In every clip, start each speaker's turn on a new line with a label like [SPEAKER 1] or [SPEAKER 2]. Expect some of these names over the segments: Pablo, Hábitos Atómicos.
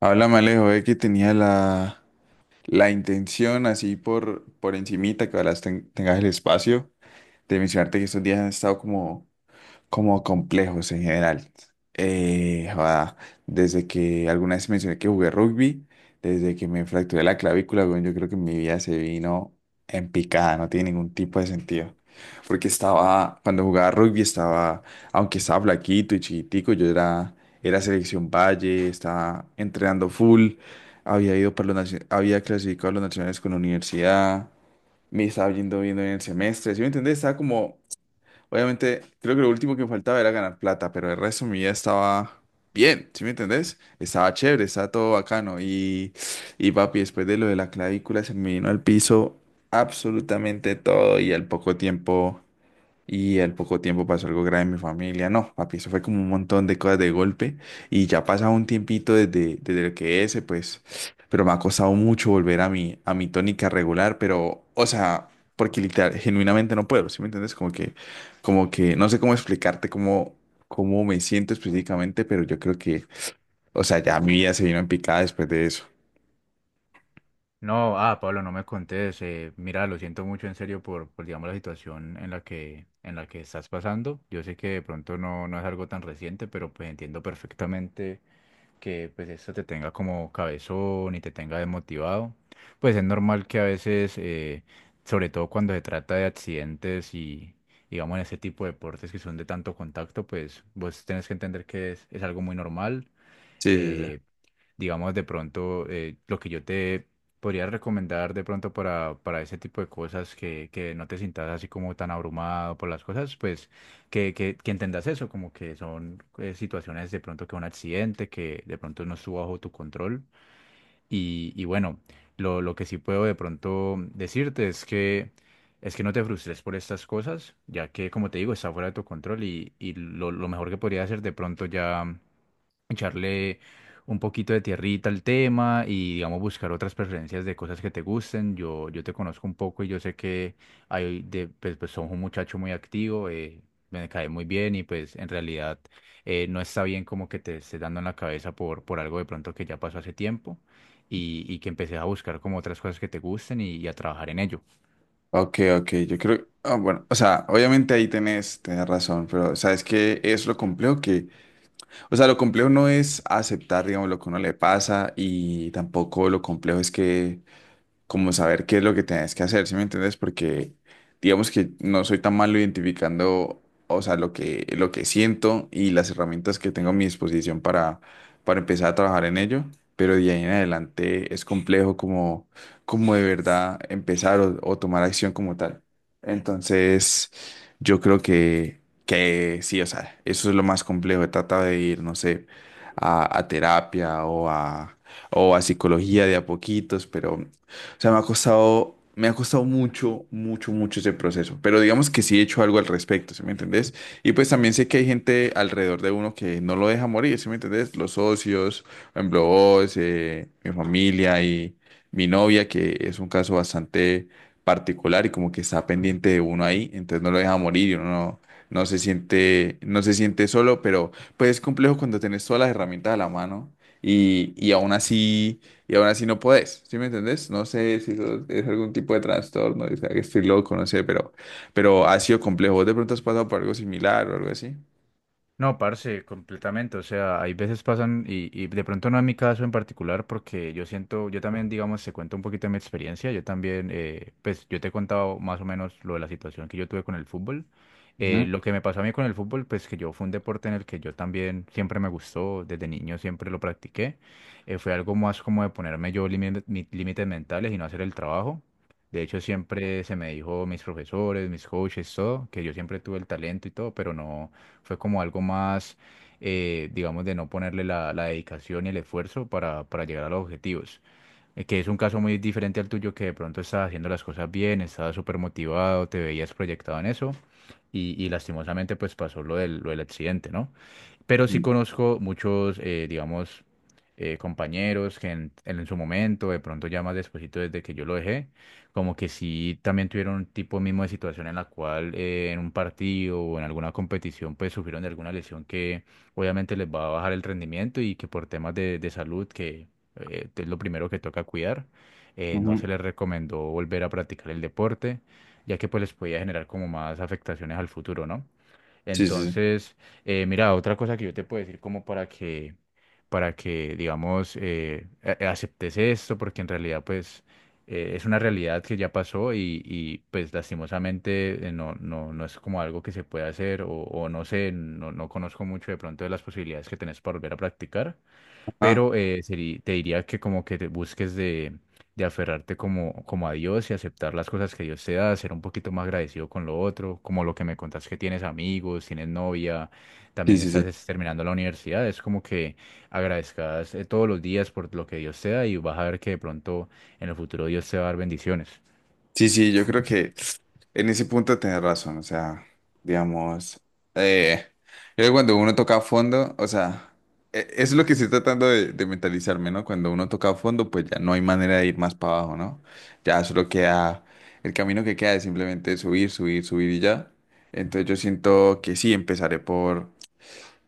[SPEAKER 1] Háblame, Alejo, ve que tenía la intención, así por encimita, que ahora tengas el espacio, de mencionarte que estos días han estado como complejos en general. Joda, desde que alguna vez mencioné que jugué rugby, desde que me fracturé la clavícula, weón, yo creo que mi vida se vino en picada, no tiene ningún tipo de sentido. Porque estaba, cuando jugaba rugby estaba, aunque estaba flaquito y chiquitico, era selección Valle, estaba entrenando full, había ido para había clasificado a los nacionales con la universidad, me estaba yendo bien en el semestre, ¿sí me entendés? Estaba como. Obviamente, creo que lo último que me faltaba era ganar plata, pero el resto de mi vida estaba bien, ¿sí me entendés? Estaba chévere, estaba todo bacano. Y papi, después de lo de la clavícula, se me vino al piso absolutamente todo y al poco tiempo. Y al poco tiempo pasó algo grave en mi familia. No, papi, eso fue como un montón de cosas de golpe. Y ya ha pasado un tiempito desde el que ese, pues, pero me ha costado mucho volver a a mi tónica regular, pero, o sea, porque literal, genuinamente no puedo, ¿sí me entiendes? No sé cómo explicarte cómo me siento específicamente, pero yo creo que, o sea, ya mi vida se vino en picada después de eso.
[SPEAKER 2] No, ah, Pablo, no me contés. Mira, lo siento mucho en serio por, digamos, la situación en la que estás pasando. Yo sé que de pronto no es algo tan reciente, pero pues entiendo perfectamente que pues esto te tenga como cabezón y te tenga desmotivado. Pues es normal que a veces, sobre todo cuando se trata de accidentes y digamos en ese tipo de deportes que son de tanto contacto, pues vos tenés que entender que es algo muy normal.
[SPEAKER 1] Sí, sí, sí.
[SPEAKER 2] eh, digamos, de pronto, lo que yo te podría recomendar de pronto para ese tipo de cosas, que no te sientas así como tan abrumado por las cosas, pues que entendas eso, como que son situaciones de pronto, que un accidente, que de pronto no estuvo bajo tu control. Y bueno, lo que sí puedo de pronto decirte es que... Es que no te frustres por estas cosas, ya que, como te digo, está fuera de tu control y, y lo mejor que podría hacer de pronto ya echarle un poquito de tierrita al tema y, digamos, buscar otras preferencias de cosas que te gusten. Yo te conozco un poco y yo sé que hay de, pues, pues sos un muchacho muy activo, me cae muy bien y pues en realidad no está bien como que te estés dando en la cabeza por algo de pronto que ya pasó hace tiempo y que empeces a buscar como otras cosas que te gusten y a trabajar en ello.
[SPEAKER 1] Ok, ok, yo creo, ah, bueno, o sea, obviamente ahí tenés razón, pero ¿sabes qué es lo complejo? Que, o sea, lo complejo no es aceptar, digamos, lo que a uno le pasa y tampoco lo complejo es que, como saber qué es lo que tienes que hacer, ¿sí me entiendes? Porque digamos que no soy tan malo identificando, o sea, lo que siento y las herramientas que tengo a mi disposición para empezar a trabajar en ello, pero de ahí en adelante es complejo como de verdad empezar o tomar acción como tal. Entonces, yo creo que sí, o sea, eso es lo más complejo, trata de ir, no sé, a terapia o a psicología de a poquitos, pero o sea, me ha costado mucho, mucho, mucho ese proceso. Pero digamos que sí he hecho algo al respecto, ¿sí me entendés? Y pues también sé que hay gente alrededor de uno que no lo deja morir, ¿sí me entendés? Los socios, por ejemplo, vos, mi familia y mi novia, que es un caso bastante particular y como que está pendiente de uno ahí, entonces no lo deja morir y uno no se siente solo, pero pues es complejo cuando tenés todas las herramientas a la mano y aún así no podés, ¿sí me entendés? No sé si eso es algún tipo de trastorno, o sea, que estoy loco, no sé, pero ha sido complejo. ¿Vos de pronto has pasado por algo similar o algo así?
[SPEAKER 2] No, parce, completamente. O sea, hay veces pasan, y de pronto no en mi caso en particular, porque yo siento, yo también, digamos, se cuento un poquito de mi experiencia. Yo también, pues yo te he contado más o menos lo de la situación que yo tuve con el fútbol.
[SPEAKER 1] Ujú,
[SPEAKER 2] Lo que me pasó a mí con el fútbol, pues que yo fue un deporte en el que yo también siempre me gustó, desde niño siempre lo practiqué. Fue algo más como de ponerme yo límites mentales y no hacer el trabajo. De hecho, siempre se me dijo mis profesores, mis coaches, todo, que yo siempre tuve el talento y todo, pero no. Fue como algo más, digamos, de no ponerle la dedicación y el esfuerzo para llegar a los objetivos. Que es un caso muy diferente al tuyo, que de pronto estabas haciendo las cosas bien, estabas súper motivado, te veías proyectado en eso y lastimosamente pues pasó lo del accidente, ¿no? Pero sí
[SPEAKER 1] ujú,
[SPEAKER 2] conozco muchos, digamos, compañeros que en su momento, de pronto ya más despuesito desde que yo lo dejé, como que sí también tuvieron un tipo mismo de situación en la cual en un partido o en alguna competición pues sufrieron de alguna lesión que obviamente les va a bajar el rendimiento y que por temas de salud, que es lo primero que toca cuidar, no
[SPEAKER 1] ujú.
[SPEAKER 2] se les recomendó volver a practicar el deporte, ya que pues les podía generar como más afectaciones al futuro, ¿no?
[SPEAKER 1] Sí, sí, sí.
[SPEAKER 2] Entonces, mira, otra cosa que yo te puedo decir como para que, digamos, aceptes esto, porque en realidad, pues, es una realidad que ya pasó y, pues, lastimosamente, no es como algo que se pueda hacer o no sé, no conozco mucho de pronto de las posibilidades que tenés para volver a practicar,
[SPEAKER 1] Ajá.
[SPEAKER 2] pero te diría que como que te busques de aferrarte como, como a Dios y aceptar las cosas que Dios te da, ser un poquito más agradecido con lo otro, como lo que me contás que tienes amigos, tienes novia,
[SPEAKER 1] Sí,
[SPEAKER 2] también
[SPEAKER 1] sí, sí.
[SPEAKER 2] estás es, terminando la universidad, es como que agradezcas todos los días por lo que Dios te da y vas a ver que de pronto en el futuro Dios te va a dar bendiciones.
[SPEAKER 1] Sí, sí, yo creo que en ese punto tenés razón, o sea, digamos, eh, creo que cuando uno toca a fondo, o sea, eso es lo que estoy tratando de mentalizarme, ¿no? Cuando uno toca a fondo, pues ya no hay manera de ir más para abajo, ¿no? Ya solo queda, el camino que queda es simplemente subir, subir, subir y ya. Entonces yo siento que sí, empezaré por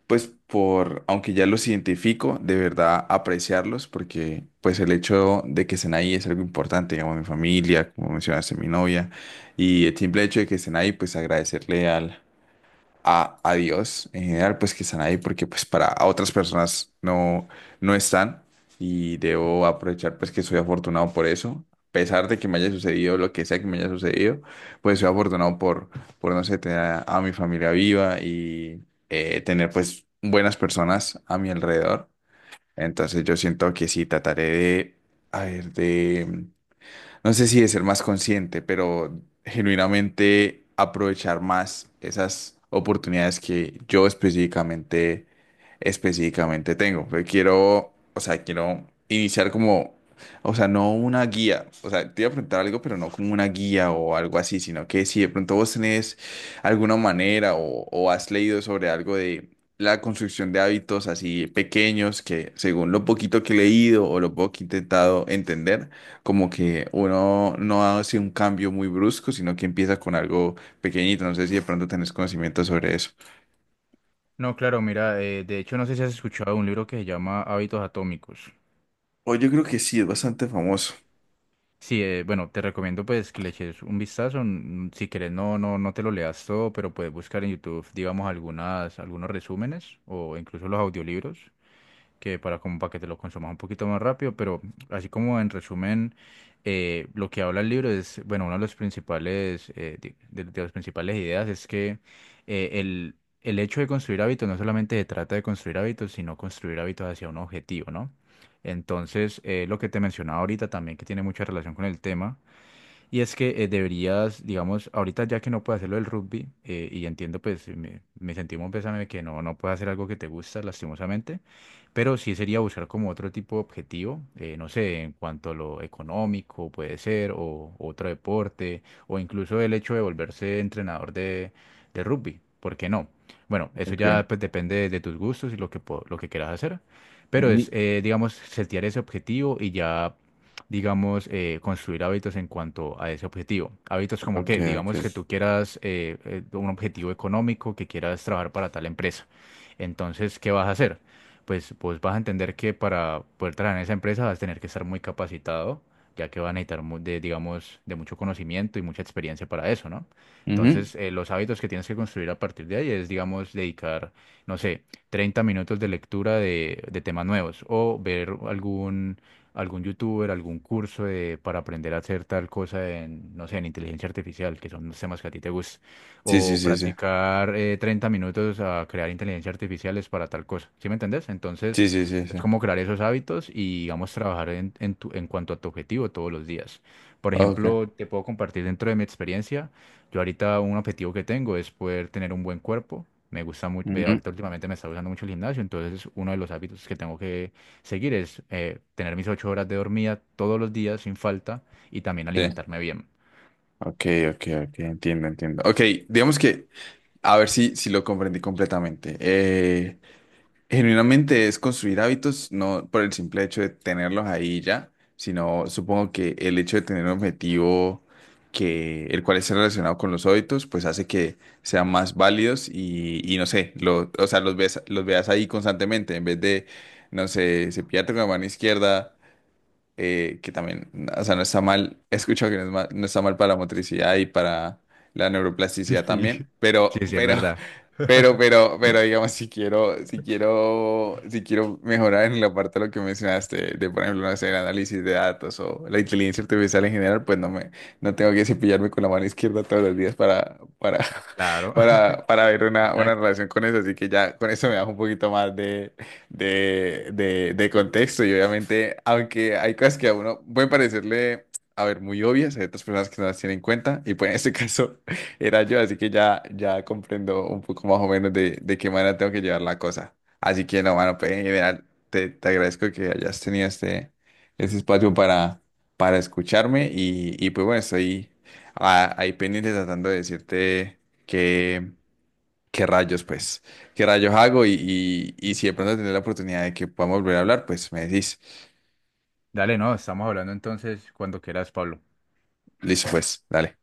[SPEAKER 1] pues por, aunque ya los identifico, de verdad apreciarlos, porque pues el hecho de que estén ahí es algo importante, digamos, mi familia, como mencionaste, mi novia, y el simple hecho de que estén ahí, pues agradecerle a Dios en general, pues que están ahí porque pues para otras personas no están y debo aprovechar pues que soy afortunado por eso. A pesar de que me haya sucedido lo que sea que me haya sucedido, pues soy afortunado por no sé, tener a mi familia viva y tener pues buenas personas a mi alrededor. Entonces yo siento que sí, trataré de, a ver, de no sé si de ser más consciente, pero genuinamente aprovechar más esas oportunidades que yo específicamente tengo. Pero quiero, o sea, quiero iniciar como, o sea, no una guía, o sea, te iba a preguntar algo, pero no como una guía o algo así, sino que si de pronto vos tenés alguna manera o has leído sobre algo de la construcción de hábitos así pequeños que según lo poquito que he leído o lo poco que he intentado entender, como que uno no hace un cambio muy brusco, sino que empieza con algo pequeñito. No sé si de pronto tenés conocimiento sobre eso.
[SPEAKER 2] No, claro, mira, de hecho no sé si has escuchado un libro que se llama Hábitos Atómicos.
[SPEAKER 1] O yo creo que sí, es bastante famoso.
[SPEAKER 2] Sí, bueno, te recomiendo pues que le eches un vistazo. Si quieres, no te lo leas todo, pero puedes buscar en YouTube, digamos, algunos resúmenes o incluso los audiolibros que para como para que te lo consumas un poquito más rápido, pero así como en resumen, lo que habla el libro es, bueno, una de los principales, de las principales ideas es que eh, el, el hecho de construir hábitos no solamente se trata de construir hábitos, sino construir hábitos hacia un objetivo, ¿no? Entonces, lo que te mencionaba ahorita también, que tiene mucha relación con el tema, y es que deberías, digamos, ahorita ya que no puedes hacerlo del rugby, y entiendo, pues, me sentimos un pésame que no puedes hacer algo que te gusta, lastimosamente, pero sí sería buscar como otro tipo de objetivo, no sé, en cuanto a lo económico puede ser, o otro deporte, o incluso el hecho de volverse entrenador de rugby, ¿por qué no? Bueno, eso
[SPEAKER 1] Ok.
[SPEAKER 2] ya pues depende de tus gustos y lo que, lo que quieras hacer. Pero
[SPEAKER 1] Ujú.
[SPEAKER 2] es, digamos, setear ese objetivo y ya digamos, construir hábitos en cuanto a ese objetivo. Hábitos como
[SPEAKER 1] Ok,
[SPEAKER 2] que,
[SPEAKER 1] ok.
[SPEAKER 2] digamos que tú quieras un objetivo económico, que quieras trabajar para tal empresa. Entonces, ¿qué vas a hacer? Pues vos vas a entender que para poder trabajar en esa empresa vas a tener que estar muy capacitado, ya que vas a necesitar digamos, de mucho conocimiento y mucha experiencia para eso, ¿no?
[SPEAKER 1] Ujú.
[SPEAKER 2] Entonces, los hábitos que tienes que construir a partir de ahí es, digamos, dedicar, no sé, 30 minutos de lectura de temas nuevos o ver algún algún youtuber, algún para aprender a hacer tal cosa en, no sé, en inteligencia artificial, que son los temas que a ti te gustan,
[SPEAKER 1] Sí, sí,
[SPEAKER 2] o
[SPEAKER 1] sí, sí.
[SPEAKER 2] practicar 30 minutos a crear inteligencia artificiales para tal cosa, ¿sí me entendés? Entonces,
[SPEAKER 1] Sí, sí, sí,
[SPEAKER 2] es
[SPEAKER 1] sí.
[SPEAKER 2] como crear esos hábitos y, digamos, trabajar en en cuanto a tu objetivo todos los días. Por
[SPEAKER 1] Ok.
[SPEAKER 2] ejemplo, te puedo compartir dentro de mi experiencia, yo ahorita un objetivo que tengo es poder tener un buen cuerpo. Me gusta mucho,
[SPEAKER 1] Ujú.
[SPEAKER 2] ahorita últimamente me está gustando mucho el gimnasio, entonces es uno de los hábitos que tengo. Seguir es tener mis 8 horas de dormida todos los días sin falta y también
[SPEAKER 1] Sí.
[SPEAKER 2] alimentarme bien.
[SPEAKER 1] Ok, ok, ok. Entiendo, entiendo. Ok, digamos que, a ver si lo comprendí completamente. Genuinamente es construir hábitos, no por el simple hecho de tenerlos ahí ya, sino supongo que el hecho de tener un objetivo que el cual esté relacionado con los hábitos, pues hace que sean más válidos y no sé, lo, o sea, los ves, los veas ahí constantemente en vez de, no sé, cepillarte con la mano izquierda que también, o sea, no está mal, he escuchado que no, es no está mal para la motricidad y para la neuroplasticidad
[SPEAKER 2] Sí.
[SPEAKER 1] también,
[SPEAKER 2] Sí, sí, es verdad.
[SPEAKER 1] digamos, si quiero mejorar en la parte de lo que mencionaste, de, por ejemplo, no sé, el análisis de datos o la inteligencia artificial en general, pues no no tengo que cepillarme con la mano izquierda todos los días
[SPEAKER 2] Claro.
[SPEAKER 1] para ver una
[SPEAKER 2] Exacto.
[SPEAKER 1] relación con eso, así que ya con eso me da un poquito más de de contexto y obviamente, aunque hay cosas que a uno puede parecerle, a ver, muy obvias, hay otras personas que no las tienen en cuenta y pues en este caso era yo, así que ya, ya comprendo un poco más o menos de qué manera tengo que llevar la cosa. Así que no, mano, pues en general te agradezco que hayas tenido este espacio para escucharme y pues bueno, estoy ahí pendiente tratando de decirte que qué rayos, pues, qué rayos hago y si de pronto tener la oportunidad de que podamos volver a hablar, pues me decís,
[SPEAKER 2] Dale, no, estamos hablando entonces cuando quieras, Pablo.
[SPEAKER 1] listo, pues, dale.